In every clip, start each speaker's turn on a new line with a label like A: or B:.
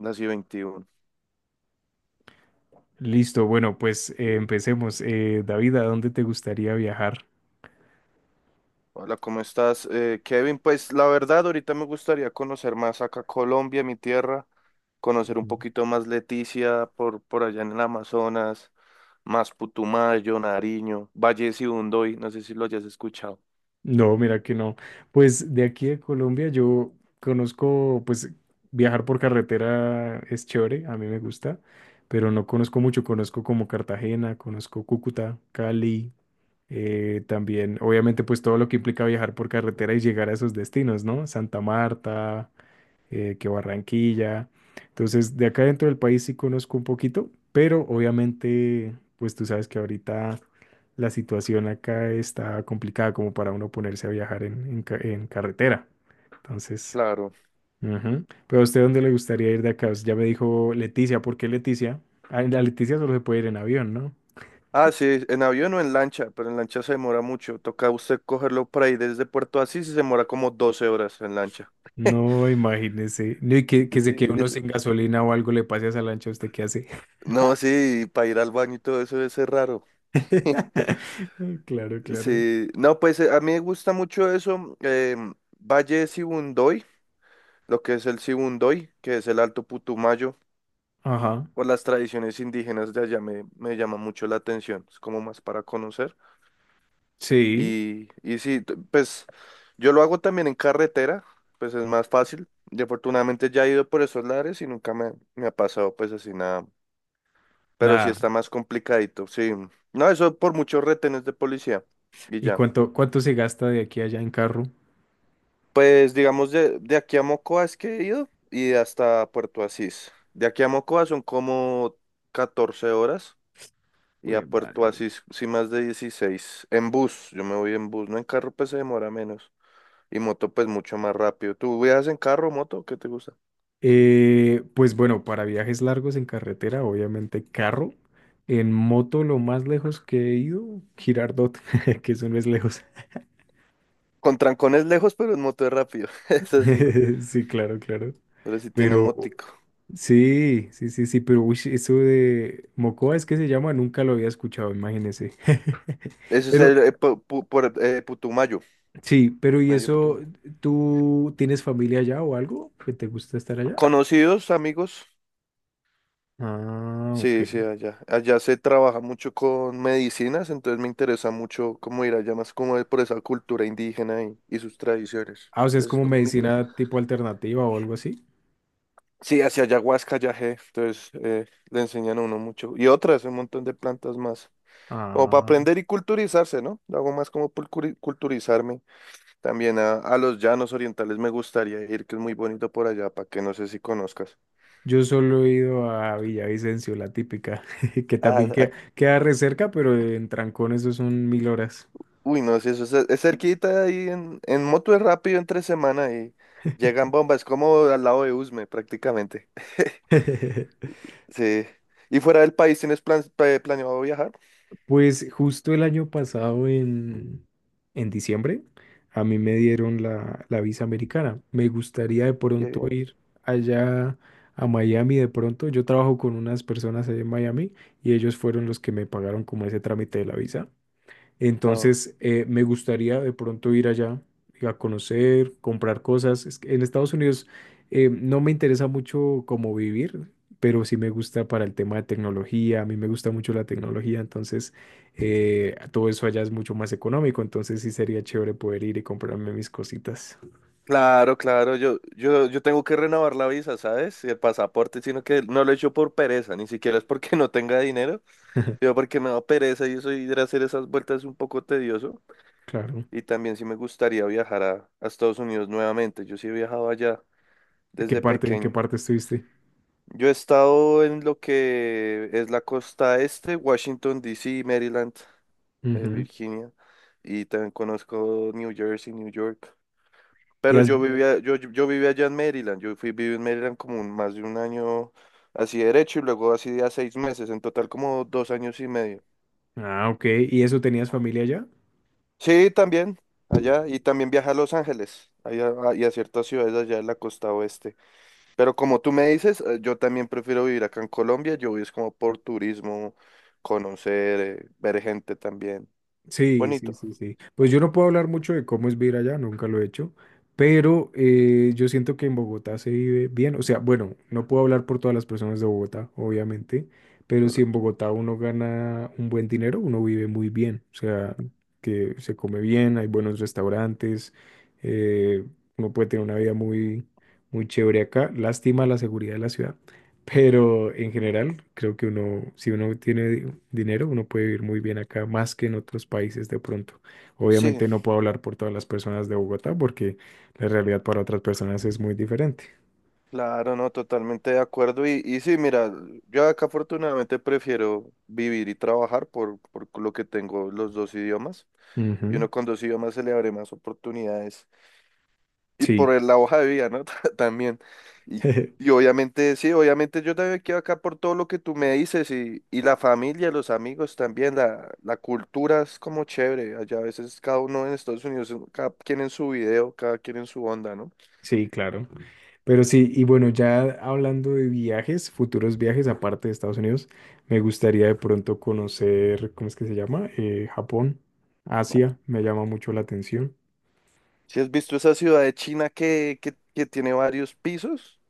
A: Nací 21.
B: Listo, bueno, pues empecemos. David, ¿a dónde te gustaría viajar?
A: Hola, ¿cómo estás? Kevin, pues la verdad, ahorita me gustaría conocer más acá Colombia, mi tierra, conocer un
B: Ujú.
A: poquito más Leticia por allá en el Amazonas, más Putumayo, Nariño, Valle de Sibundoy, no sé si lo hayas escuchado.
B: No, mira que no. Pues de aquí a Colombia yo conozco, pues viajar por carretera es chévere, a mí me gusta, pero no conozco mucho. Conozco como Cartagena, conozco Cúcuta, Cali, también, obviamente, pues todo lo que implica viajar por carretera y llegar a esos destinos, ¿no? Santa Marta, que Barranquilla. Entonces, de acá dentro del país sí conozco un poquito, pero obviamente, pues tú sabes que ahorita la situación acá está complicada como para uno ponerse a viajar en carretera. Entonces,
A: Claro.
B: ujú. Pero a usted, ¿dónde le gustaría ir de acá? Pues, ya me dijo Leticia, ¿por qué Leticia? Ah, en la Leticia solo se puede ir en avión, ¿no?
A: Ah, sí, en avión o en lancha, pero en lancha se demora mucho. Toca usted cogerlo por ahí desde Puerto Asís y se demora como 12 horas en lancha.
B: No, imagínese. No, y que se quede
A: Sí,
B: uno
A: r-
B: sin gasolina o algo le pase a esa lancha, ¿usted qué hace?
A: no, sí, para ir al baño y todo eso debe ser raro.
B: Claro, claro.
A: Sí, no, pues a mí me gusta mucho eso, Valle de Sibundoy, lo que es el Sibundoy, que es el Alto Putumayo,
B: Ajá.
A: o las tradiciones indígenas de allá me llama mucho la atención, es como más para conocer.
B: Sí.
A: Y sí, pues yo lo hago también en carretera, pues es más fácil. Y afortunadamente ya he ido por esos lares y nunca me ha pasado pues así nada, pero sí está
B: Nada.
A: más complicadito, sí. No, eso por muchos retenes de policía y
B: ¿Y
A: ya.
B: cuánto, cuánto se gasta de aquí a allá en carro?
A: Pues digamos de aquí a Mocoa es que he ido y hasta Puerto Asís. De aquí a Mocoa son como 14 horas y
B: Jue
A: a Puerto
B: madre.
A: Asís sí más de 16. En bus, yo me voy en bus, no en carro pues se demora menos y moto pues mucho más rápido. ¿Tú viajas en carro o moto? ¿Qué te gusta?
B: Pues bueno, para viajes largos en carretera, obviamente carro. En moto, lo más lejos que he ido, Girardot, que eso no es lejos.
A: Con trancones lejos pero en moto es rápido, eso sí,
B: Sí, claro, claro.
A: pero sí tiene
B: Pero
A: mótico.
B: sí, sí, sí, sí, pero uy, eso de Mocoa es que se llama, nunca lo había escuchado, imagínese.
A: Eso es
B: Pero
A: el por, Putumayo,
B: sí, pero ¿y
A: medio
B: eso
A: Putumayo.
B: tú tienes familia allá o algo que te gusta estar allá?
A: Conocidos, amigos.
B: Ah, ok.
A: Sí, sí, allá. Allá se trabaja mucho con medicinas, entonces me interesa mucho cómo ir allá, más como por esa cultura indígena y sus tradiciones.
B: Ah, o sea, es
A: Entonces es
B: como
A: como mi plan.
B: medicina tipo alternativa o algo así.
A: Sí, hacia ayahuasca, yagé, entonces le enseñan a uno mucho. Y otras, un montón de plantas más. Como para
B: Ah,
A: aprender y culturizarse, ¿no? Hago más como por culturizarme. También a los llanos orientales me gustaría ir, que es muy bonito por allá, para que no sé si conozcas.
B: yo solo he ido a Villavicencio, la típica, que también
A: Ah,
B: queda, queda re cerca, pero en trancón eso son mil horas.
A: uy, no, si eso es cerquita ahí en moto es rápido entre semana y llegan bombas, como al lado de Usme prácticamente. Sí. ¿Y fuera del país tienes planeado viajar?
B: Pues justo el año pasado, en diciembre, a mí me dieron la, la visa americana. Me gustaría de
A: Qué
B: pronto
A: bien.
B: ir allá a Miami de pronto. Yo trabajo con unas personas allá en Miami y ellos fueron los que me pagaron como ese trámite de la visa.
A: Oh.
B: Entonces, me gustaría de pronto ir allá a conocer, comprar cosas. Es que en Estados Unidos no me interesa mucho cómo vivir, pero sí me gusta para el tema de tecnología. A mí me gusta mucho la tecnología, entonces todo eso allá es mucho más económico. Entonces, sí sería chévere poder ir y comprarme mis cositas.
A: Claro, claro, yo tengo que renovar la visa, ¿sabes? Y el pasaporte, sino que no lo he hecho por pereza, ni siquiera es porque no tenga dinero, yo porque me da pereza y eso ir a hacer esas vueltas es un poco tedioso.
B: Claro.
A: Y también sí me gustaría viajar a Estados Unidos nuevamente, yo sí he viajado allá
B: ¿A qué
A: desde
B: parte, en qué
A: pequeño.
B: parte estuviste?
A: Yo he estado en lo que es la costa este, Washington, D. C., Maryland,
B: Ujú.
A: Virginia, y también conozco New Jersey, New York.
B: ¿Y
A: Pero
B: has...
A: yo vivía, yo, yo yo vivía allá en Maryland, yo viví en Maryland como más de un año así derecho y luego así de a 6 meses, en total como 2 años y medio.
B: Ah, ok. ¿Y eso tenías familia allá?
A: Sí, también, allá, y también viajé a Los Ángeles, allá, y a ciertas ciudades allá en la costa oeste. Pero como tú me dices, yo también prefiero vivir acá en Colombia. Yo voy es como por turismo, conocer, ver gente también.
B: Sí, sí,
A: Bonito.
B: sí, sí. Pues yo no puedo hablar mucho de cómo es vivir allá, nunca lo he hecho, pero yo siento que en Bogotá se vive bien. O sea, bueno, no puedo hablar por todas las personas de Bogotá, obviamente, pero si en
A: Correcto.
B: Bogotá uno gana un buen dinero, uno vive muy bien. O sea, que se come bien, hay buenos restaurantes, eh, uno puede tener una vida muy chévere acá. Lástima la seguridad de la ciudad, pero en general, creo que uno, si uno tiene dinero, uno puede vivir muy bien acá, más que en otros países de pronto.
A: Sí,
B: Obviamente no puedo hablar por todas las personas de Bogotá, porque la realidad para otras personas es muy diferente.
A: claro, no, totalmente de acuerdo. Y sí, mira, yo acá afortunadamente prefiero vivir y trabajar por lo que tengo los dos idiomas. Y
B: Ujú,
A: uno con dos idiomas se le abre más oportunidades. Y por
B: sí,
A: la hoja de vida, ¿no? También. Y, y obviamente, sí, obviamente yo también quedo acá por todo lo que tú me dices y la familia, los amigos también, la cultura es como chévere. Allá a veces cada uno en Estados Unidos, cada quien en su video, cada quien en su onda, ¿no?
B: sí, claro. Pero sí, y bueno, ya hablando de viajes, futuros viajes aparte de Estados Unidos, me gustaría de pronto conocer, ¿cómo es que se llama? Japón,
A: Bueno,
B: Asia, me llama mucho la atención.
A: si has visto esa ciudad de China que tiene varios pisos,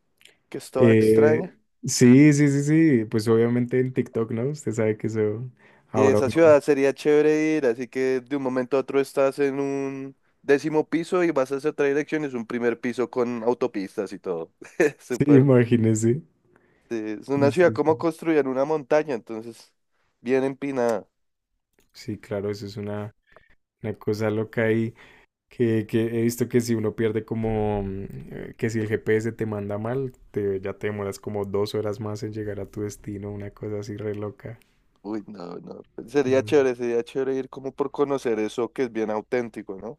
A: que es toda
B: Eh,
A: extraña.
B: sí, sí, sí, sí, pues obviamente en TikTok, ¿no? Usted sabe que eso
A: Y
B: ahora
A: esa
B: uno,
A: ciudad sería chévere ir, así que de un momento a otro estás en un décimo piso y vas hacia otra dirección, y es un primer piso con autopistas y todo.
B: sí,
A: Súper.
B: imagínese.
A: Sí, es
B: Sí,
A: una ciudad
B: sí,
A: como
B: sí.
A: construida en una montaña, entonces bien empinada.
B: Sí, claro, eso es una cosa loca y que he visto que si uno pierde como, que si el GPS te manda mal, te, ya te demoras como 2 horas más en llegar a tu destino, una cosa así re loca.
A: Uy, no, no.
B: Mm.
A: Sería chévere ir como por conocer eso que es bien auténtico, ¿no?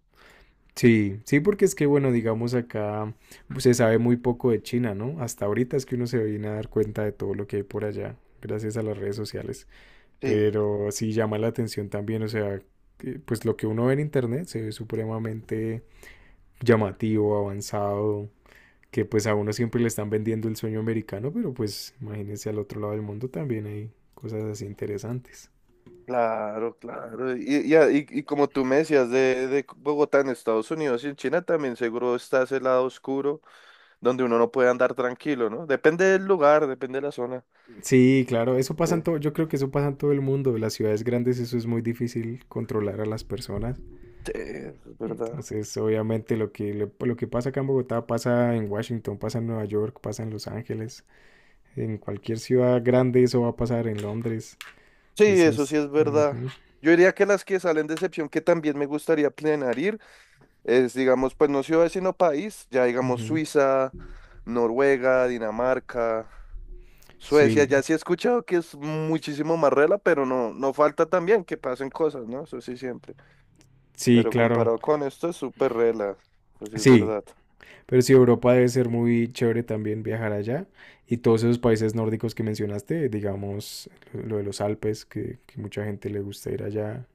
B: Sí, sí, porque es que, bueno, digamos acá pues, se sabe muy poco de China, ¿no? Hasta ahorita es que uno se viene a dar cuenta de todo lo que hay por allá, gracias a las redes sociales.
A: Sí,
B: Pero sí llama la atención también, o sea, que, pues lo que uno ve en internet se ve supremamente llamativo, avanzado, que pues a uno siempre le están vendiendo el sueño americano, pero pues imagínense al otro lado del mundo también hay cosas así interesantes.
A: claro, claro. Y como tú me decías de Bogotá en Estados Unidos y en China también seguro está ese lado oscuro donde uno no puede andar tranquilo, ¿no? Depende del lugar, depende de la zona.
B: Sí, claro, eso
A: Sí,
B: pasa en todo, yo creo que eso pasa en todo el mundo, en las ciudades grandes eso es muy difícil controlar a las personas.
A: sí, eso es verdad.
B: Entonces, obviamente lo que, lo que pasa acá en Bogotá pasa en Washington, pasa en Nueva York, pasa en Los Ángeles, en cualquier ciudad grande eso va a pasar en Londres.
A: Sí,
B: Eso
A: eso sí
B: es.
A: es verdad.
B: Ujú,
A: Yo diría que las que salen de excepción que también me gustaría planear ir es, digamos, pues no ciudad sino país, ya digamos
B: ujú.
A: Suiza, Noruega, Dinamarca, Suecia,
B: Sí,
A: ya sí he escuchado que es muchísimo más rela, pero no, no falta también que pasen cosas, ¿no? Eso sí siempre.
B: sí,
A: Pero
B: claro.
A: comparado con esto es súper rela, eso sí es
B: Sí,
A: verdad.
B: pero sí, Europa debe ser muy chévere también viajar allá. Y todos esos países nórdicos que mencionaste, digamos, lo de los Alpes, que mucha gente le gusta ir allá.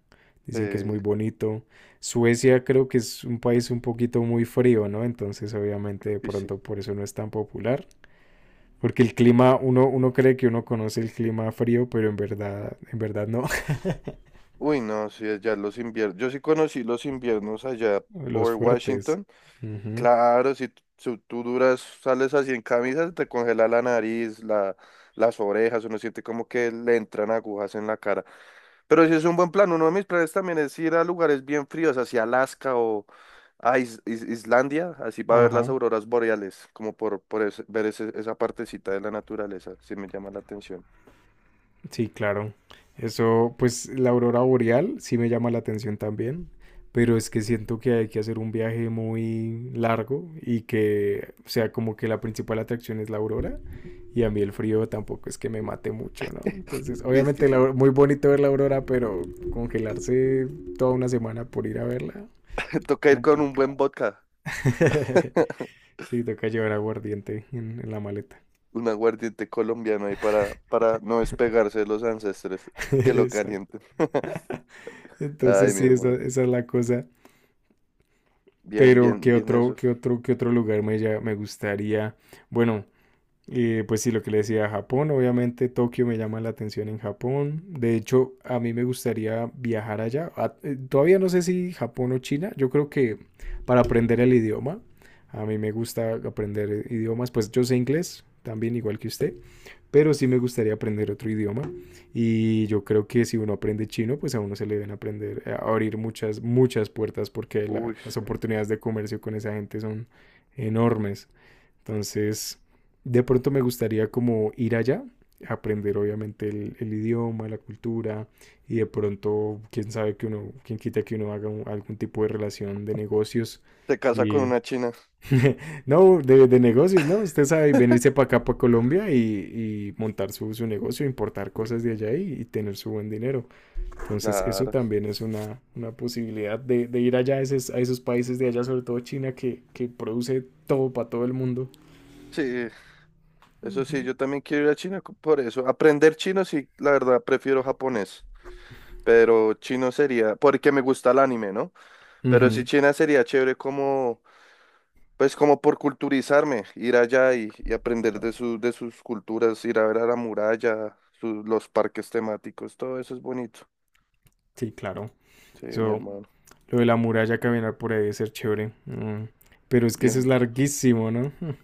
B: Dicen que es
A: Eh,
B: muy bonito. Suecia creo que es un país un poquito muy frío, ¿no? Entonces, obviamente, de
A: sí,
B: pronto por eso no es tan popular. Porque el clima, uno, uno cree que uno conoce el clima frío, pero en verdad no.
A: uy, no, sí, allá los inviernos. Yo sí conocí los inviernos allá
B: Los
A: por
B: fuertes.
A: Washington.
B: Ujú.
A: Claro, si tú duras, sales así en camisa, te congela la nariz, las orejas, uno siente como que le entran agujas en la cara. Pero sí es un buen plan. Uno de mis planes también es ir a lugares bien fríos, hacia Alaska o a Islandia, así para ver las
B: Ajá.
A: auroras boreales, como por ver esa partecita de la naturaleza, sí me llama la atención.
B: Sí, claro. Eso, pues la aurora boreal sí me llama la atención también, pero es que siento que hay que hacer un viaje muy largo y que, o sea, como que la principal atracción es la aurora y a mí el frío tampoco es que me mate mucho, ¿no? Entonces,
A: Uy, es que
B: obviamente la
A: sí,
B: muy bonito ver la aurora, pero congelarse toda una semana por ir a verla,
A: toca ir con un buen
B: complicado.
A: vodka.
B: Sí, toca llevar aguardiente en la maleta.
A: Un aguardiente colombiano ahí para no despegarse de los ancestres. Que lo
B: Exacto.
A: calienten. Ay,
B: Entonces,
A: mi
B: sí, esa,
A: hermano.
B: esa es la cosa.
A: Bien,
B: Pero,
A: bien,
B: ¿qué
A: bien
B: otro,
A: eso.
B: qué otro, qué otro lugar me, me gustaría? Bueno, pues sí, lo que le decía, Japón, obviamente Tokio me llama la atención en Japón. De hecho, a mí me gustaría viajar allá. Todavía no sé si Japón o China. Yo creo que para aprender el idioma, a mí me gusta aprender idiomas. Pues yo sé inglés también, igual que usted, pero sí me gustaría aprender otro idioma y yo creo que si uno aprende chino, pues a uno se le deben aprender a abrir muchas, muchas puertas porque la,
A: Uy,
B: las
A: sí.
B: oportunidades de comercio con esa gente son enormes. Entonces, de pronto me gustaría como ir allá, aprender obviamente el idioma, la cultura y de pronto, quién sabe que uno, quién quita que uno haga un, algún tipo de relación de negocios
A: Se casa con
B: y
A: una china.
B: no, de negocios, ¿no? Usted sabe venirse para acá, para Colombia y montar su, su negocio, importar cosas de allá y tener su buen dinero. Entonces, eso
A: Claro.
B: también es una posibilidad de ir allá a esos países de allá, sobre todo China, que produce todo para todo el mundo.
A: Sí, eso sí,
B: Ujú.
A: yo también quiero ir a China por eso. Aprender chino, sí, la verdad, prefiero japonés. Pero chino sería, porque me gusta el anime, ¿no? Pero sí,
B: Ujú,
A: China sería chévere como. Pues como por culturizarme, ir allá y aprender de sus culturas, ir a ver a la muralla, los parques temáticos, todo eso es bonito.
B: sí, claro.
A: Sí, mi
B: Eso,
A: hermano.
B: lo de la muralla, caminar por ahí debe ser chévere. Mm, pero es que eso es
A: Bien, bueno.
B: larguísimo, ¿no?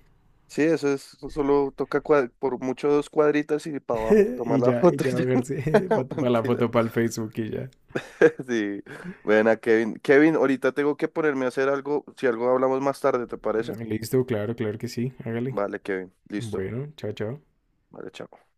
A: Sí, eso es, solo toca por mucho dos cuadritas y para abajo, tomar la
B: Y
A: foto
B: ya
A: y ya.
B: bajarse para la
A: Mentira.
B: foto, para el Facebook y ya.
A: Sí. Bueno, Kevin. Kevin, ahorita tengo que ponerme a hacer algo. Si algo hablamos más tarde, ¿te parece?
B: Mm, listo, claro, claro que sí. Hágale.
A: Vale, Kevin. Listo.
B: Bueno, chao, chao.
A: Vale, chao.